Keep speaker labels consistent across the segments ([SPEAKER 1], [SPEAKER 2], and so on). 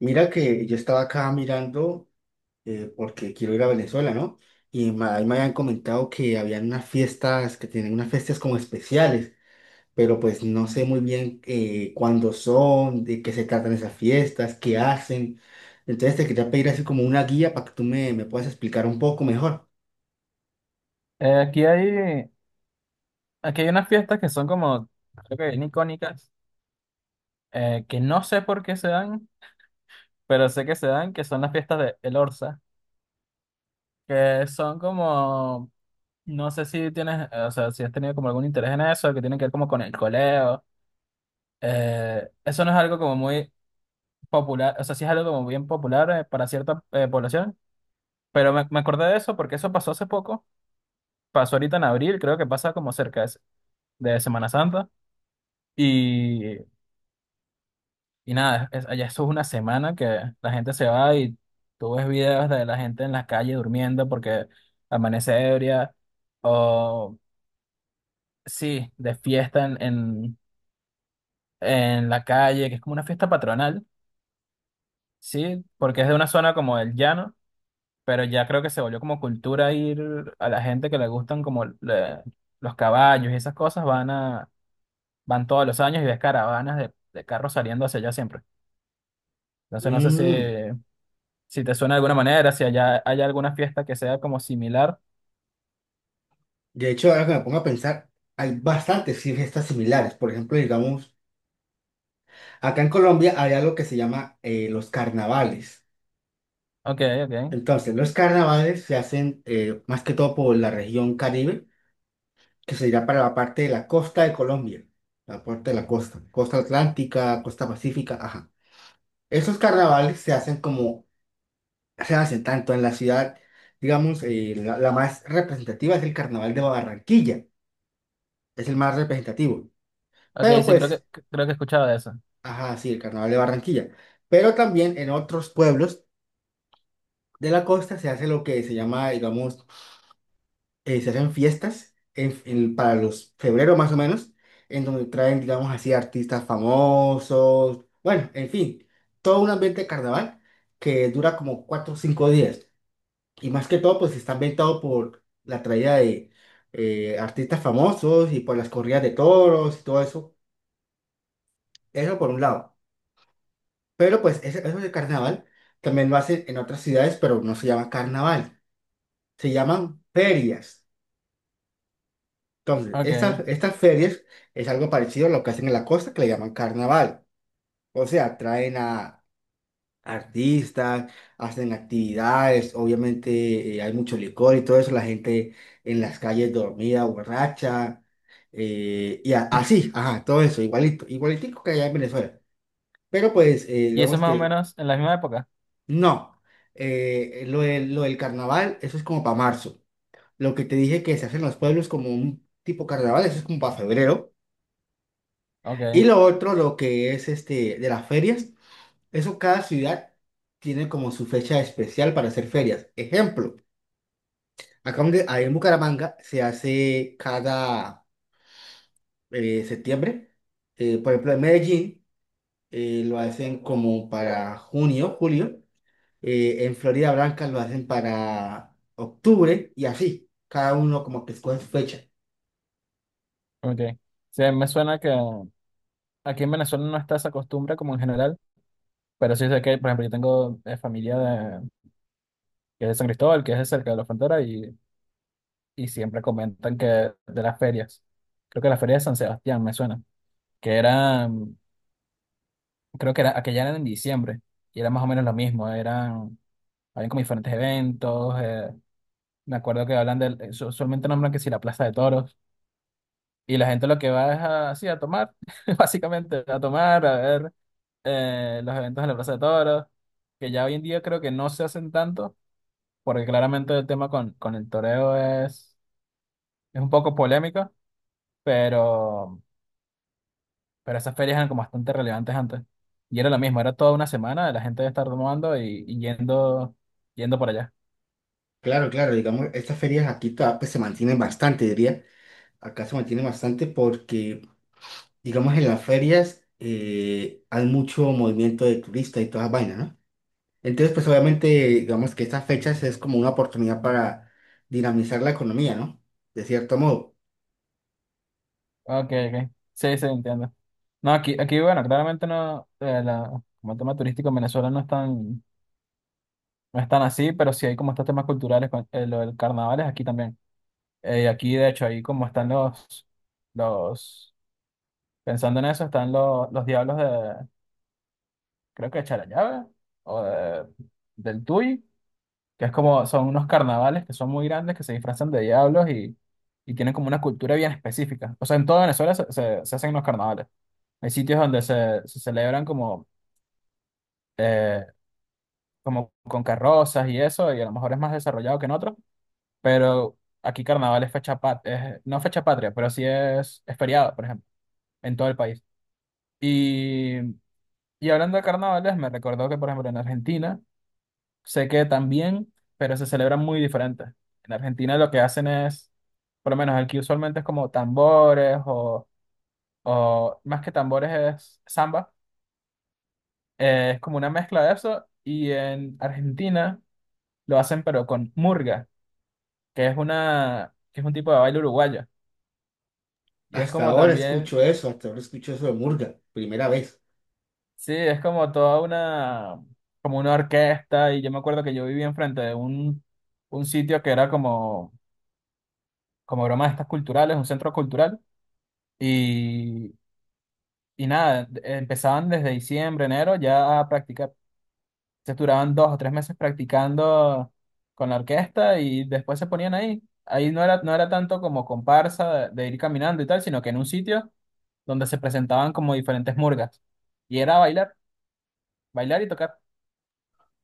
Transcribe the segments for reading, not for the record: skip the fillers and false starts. [SPEAKER 1] Mira que yo estaba acá mirando porque quiero ir a Venezuela, ¿no? Ahí me habían comentado que habían unas fiestas, que tienen unas fiestas como especiales, pero pues no sé muy bien cuándo son, de qué se tratan esas fiestas, qué hacen. Entonces te quería pedir así como una guía para que tú me puedas explicar un poco mejor.
[SPEAKER 2] Eh, aquí hay, aquí hay unas fiestas que son como, creo que bien icónicas, que no sé por qué se dan, pero sé que se dan, que son las fiestas de El Orza, que son como, no sé si tienes, o sea, si has tenido como algún interés en eso, que tienen que ver como con el coleo. Eso no es algo como muy popular, o sea, sí es algo como bien popular para cierta población, pero me acordé de eso porque eso pasó hace poco, pasó ahorita en abril, creo que pasa como cerca de Semana Santa. Y Y nada, allá eso es una semana que la gente se va y tú ves videos de la gente en la calle durmiendo porque amanece ebria o sí, de fiesta en la calle, que es como una fiesta patronal, sí, porque es de una zona como el llano, pero ya creo que se volvió como cultura ir a la gente que le gustan como los caballos y esas cosas, van todos los años y ves caravanas de carros saliendo hacia allá siempre. Entonces no sé
[SPEAKER 1] Mm.
[SPEAKER 2] si te suena de alguna manera, si hay alguna fiesta que sea como similar.
[SPEAKER 1] De hecho, ahora que me pongo a pensar, hay bastantes sí, fiestas similares. Por ejemplo, digamos, acá en Colombia hay algo que se llama los carnavales.
[SPEAKER 2] Ok, ok.
[SPEAKER 1] Entonces, los carnavales se hacen más que todo por la región Caribe, que sería para la parte de la costa de Colombia, la parte de la costa, costa atlántica, costa pacífica, ajá. Esos carnavales se hacen como, se hacen tanto en la ciudad, digamos, la más representativa es el carnaval de Barranquilla, es el más representativo.
[SPEAKER 2] Ok,
[SPEAKER 1] Pero
[SPEAKER 2] sí, creo que,
[SPEAKER 1] pues,
[SPEAKER 2] creo que he escuchado de eso.
[SPEAKER 1] ajá, sí, el carnaval de Barranquilla. Pero también en otros pueblos de la costa se hace lo que se llama, digamos, se hacen fiestas para los febrero más o menos, en donde traen, digamos así, artistas famosos, bueno, en fin, todo un ambiente de carnaval que dura como cuatro o cinco días. Y más que todo, pues está ambientado por la traída de artistas famosos y por las corridas de toros y todo eso. Eso por un lado. Pero pues eso de carnaval también lo hacen en otras ciudades, pero no se llama carnaval, se llaman ferias. Entonces,
[SPEAKER 2] Ok.
[SPEAKER 1] estas ferias es algo parecido a lo que hacen en la costa, que le llaman carnaval. O sea, traen a artistas, hacen actividades, obviamente hay mucho licor y todo eso, la gente en las calles dormida, borracha, y así, ajá, todo eso, igualito, igualitico que allá en Venezuela. Pero pues,
[SPEAKER 2] ¿Y eso es
[SPEAKER 1] digamos
[SPEAKER 2] más o
[SPEAKER 1] que
[SPEAKER 2] menos en la misma época?
[SPEAKER 1] no. Lo del carnaval, eso es como para marzo. Lo que te dije que se hace en los pueblos como un tipo carnaval, eso es como para febrero.
[SPEAKER 2] Ok,
[SPEAKER 1] Y lo otro, lo que es este de las ferias, eso cada ciudad tiene como su fecha especial para hacer ferias. Ejemplo, acá donde, ahí en Bucaramanga se hace cada septiembre. Por ejemplo, en Medellín lo hacen como para junio, julio. En Florida Blanca lo hacen para octubre y así. Cada uno como que escoge su fecha.
[SPEAKER 2] ok. Sí, me suena que aquí en Venezuela no está esa costumbre como en general, pero sí sé que, por ejemplo, yo tengo familia de, que es de San Cristóbal, que es de cerca de la frontera, y siempre comentan que de las ferias, creo que la feria de San Sebastián me suena, que era, creo que era, aquella era en diciembre, y era más o menos lo mismo, eran hablan como diferentes eventos. Me acuerdo que hablan del, solamente nombran que si la Plaza de Toros. Y la gente lo que va es así a tomar, básicamente, a tomar, a ver los eventos en la Plaza de Toros, que ya hoy en día creo que no se hacen tanto, porque claramente el tema con el toreo es un poco polémico, pero, pero esas ferias eran como bastante relevantes antes. Y era lo mismo, era toda una semana de la gente de estar tomando y yendo por allá.
[SPEAKER 1] Claro, claro, digamos, estas ferias aquí todavía, pues, se mantienen bastante, diría. Acá se mantienen bastante porque digamos, en las ferias hay mucho movimiento de turistas y todas esas vainas, ¿no? Entonces, pues obviamente, digamos que estas fechas es como una oportunidad para dinamizar la economía, ¿no? De cierto modo.
[SPEAKER 2] Ok, ok. Sí, sí, entiendo. No, aquí, bueno, claramente no, como el tema turístico en Venezuela no es tan así, pero sí hay como estos temas culturales, lo del carnaval es aquí también. Aquí, de hecho, ahí como los, pensando en eso, están los diablos de, creo que de Charallave, o del Tuy, que es como, son unos carnavales que son muy grandes, que se disfrazan de diablos y tienen como una cultura bien específica. O sea, en toda Venezuela se hacen unos carnavales. Hay sitios donde se celebran eh, como con carrozas y eso, y a lo mejor es más desarrollado que en otros, pero aquí carnaval es fecha patria, no fecha patria, pero sí es feriado, por ejemplo, en todo el país. Y, y hablando de carnavales, me recordó que, por ejemplo, en Argentina, sé que también, pero se celebran muy diferentes. En Argentina lo que hacen es, por lo menos aquí usualmente es como tambores o más que tambores es samba, es como una mezcla de eso, y en Argentina lo hacen pero con murga. Que es un tipo de baile uruguayo. Y es
[SPEAKER 1] Hasta
[SPEAKER 2] como
[SPEAKER 1] ahora
[SPEAKER 2] también,
[SPEAKER 1] escucho eso, hasta ahora escucho eso de murga, primera vez.
[SPEAKER 2] sí, es como una orquesta. Y yo me acuerdo que yo vivía enfrente de un sitio que era como, como bromas estas culturales, un centro cultural. Y, y nada, empezaban desde diciembre, enero ya a practicar. Se duraban 2 o 3 meses practicando con la orquesta y después se ponían ahí. Ahí no era tanto como comparsa de ir caminando y tal, sino que en un sitio donde se presentaban como diferentes murgas. Y era bailar, bailar y tocar.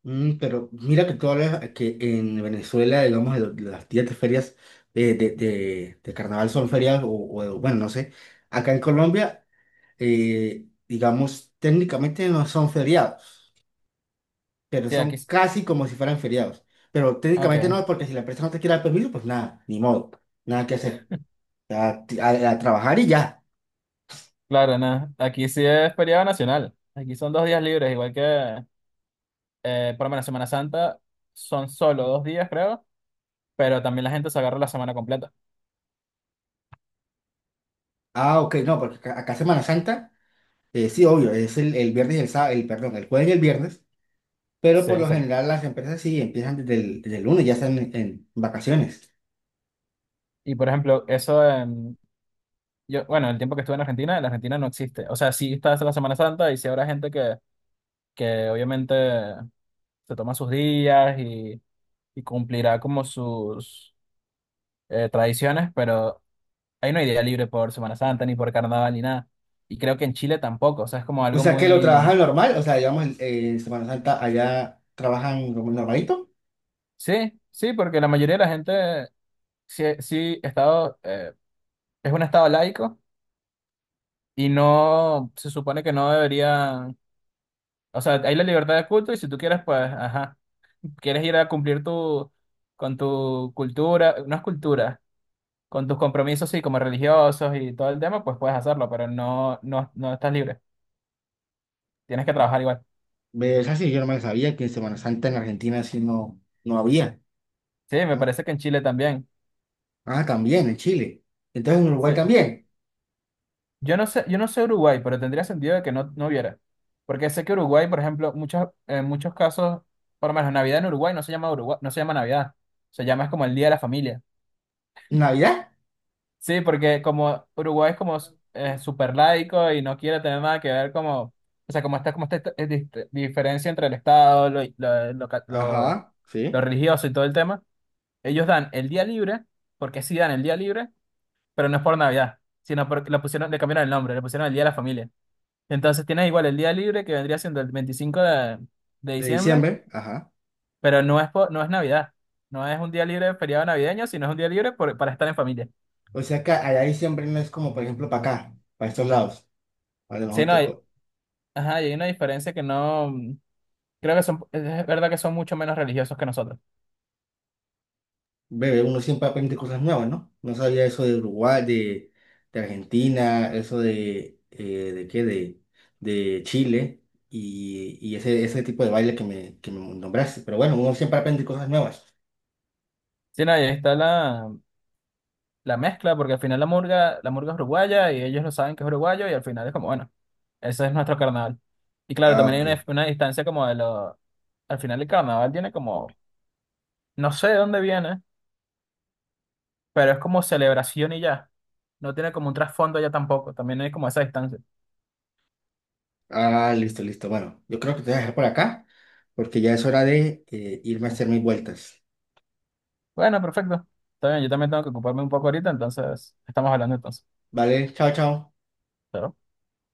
[SPEAKER 1] Mm, pero mira que todas que en Venezuela, digamos, las días de ferias de carnaval son ferias o, bueno, no sé. Acá en Colombia, digamos, técnicamente no son feriados, pero
[SPEAKER 2] Sí, aquí.
[SPEAKER 1] son casi como si fueran feriados. Pero técnicamente
[SPEAKER 2] Ok,
[SPEAKER 1] no, porque si la empresa no te quiere dar permiso, pues nada, ni modo, nada que hacer. A, a trabajar y ya.
[SPEAKER 2] claro, nada. Aquí sí es feriado nacional. Aquí son 2 días libres, igual que por lo menos Semana Santa son solo 2 días, creo, pero también la gente se agarra la semana completa.
[SPEAKER 1] Ah, ok, no, porque acá, acá Semana Santa, sí, obvio, es el viernes y el sábado, el, perdón, el jueves y el viernes, pero
[SPEAKER 2] Sí,
[SPEAKER 1] por lo
[SPEAKER 2] exacto.
[SPEAKER 1] general las empresas sí empiezan desde el lunes, ya están en vacaciones.
[SPEAKER 2] Y por ejemplo, eso, yo, bueno, el tiempo que estuve en Argentina no existe. O sea, sí está la Semana Santa y sí habrá gente que obviamente se toma sus días y cumplirá como sus tradiciones, pero ahí no hay día libre por Semana Santa, ni por carnaval, ni nada. Y creo que en Chile tampoco, o sea, es como
[SPEAKER 1] O
[SPEAKER 2] algo
[SPEAKER 1] sea que lo
[SPEAKER 2] muy.
[SPEAKER 1] trabajan normal, o sea, digamos, en Semana Santa allá trabajan como normalito.
[SPEAKER 2] Sí, sí, porque la mayoría de la gente, sí, sí, estado, es un estado laico y no, se supone que no debería, o sea, hay la libertad de culto y si tú quieres, pues, ajá, quieres ir a cumplir con tu cultura, no es cultura, con tus compromisos, sí, como religiosos y todo el tema, pues puedes hacerlo, pero no, no, no estás libre, tienes que trabajar igual.
[SPEAKER 1] Es así, yo no me sabía que en Semana Santa en Argentina sí no, no había.
[SPEAKER 2] Sí, me
[SPEAKER 1] ¿No?
[SPEAKER 2] parece que en Chile también.
[SPEAKER 1] Ah, también, en Chile. Entonces en Uruguay
[SPEAKER 2] Sí.
[SPEAKER 1] también.
[SPEAKER 2] Yo no sé Uruguay, pero tendría sentido de que no hubiera. Porque sé que Uruguay, por ejemplo, en muchos casos, por lo menos Navidad en Uruguay no se llama Navidad. Se llama es como el Día de la Familia.
[SPEAKER 1] ¿Navidad?
[SPEAKER 2] Sí, porque como Uruguay es como súper laico y no quiere tener nada que ver como, o sea, como está como esta diferencia entre el Estado, lo, lo, lo ca- lo-
[SPEAKER 1] Ajá,
[SPEAKER 2] lo
[SPEAKER 1] sí.
[SPEAKER 2] religioso y todo el tema, ellos dan el día libre, porque sí dan el día libre, pero no es por Navidad, sino porque le cambiaron el nombre, le pusieron el Día de la Familia. Entonces tienes igual el día libre que vendría siendo el 25 de
[SPEAKER 1] De
[SPEAKER 2] diciembre,
[SPEAKER 1] diciembre, ajá.
[SPEAKER 2] pero no es Navidad. No es un día libre de feriado navideño, sino es un día libre para estar en familia.
[SPEAKER 1] O sea que allá diciembre no es como, por ejemplo, para acá, para estos lados. A lo
[SPEAKER 2] Sí,
[SPEAKER 1] mejor
[SPEAKER 2] no,
[SPEAKER 1] te
[SPEAKER 2] hay, ajá, y hay una diferencia que no. Creo que es verdad que son mucho menos religiosos que nosotros.
[SPEAKER 1] bebé, uno siempre aprende cosas nuevas, ¿no? No sabía eso de Uruguay, de Argentina, eso ¿de qué? De Chile y ese tipo de baile que me nombraste. Pero bueno, uno siempre aprende cosas nuevas.
[SPEAKER 2] Sí, no, y ahí está la mezcla, porque al final la murga es uruguaya y ellos lo saben que es uruguayo y al final es como, bueno, ese es nuestro carnaval. Y claro,
[SPEAKER 1] Ah,
[SPEAKER 2] también
[SPEAKER 1] ok.
[SPEAKER 2] hay una distancia como de lo. Al final el carnaval tiene como, no sé de dónde viene, pero es como celebración y ya. No tiene como un trasfondo ya tampoco, también hay como esa distancia.
[SPEAKER 1] Ah, listo, listo. Bueno, yo creo que te voy a dejar por acá porque ya es hora de irme a hacer mis vueltas.
[SPEAKER 2] Bueno, perfecto. Está bien, yo también tengo que ocuparme un poco ahorita, entonces estamos hablando entonces.
[SPEAKER 1] Vale, chao, chao.
[SPEAKER 2] Chao.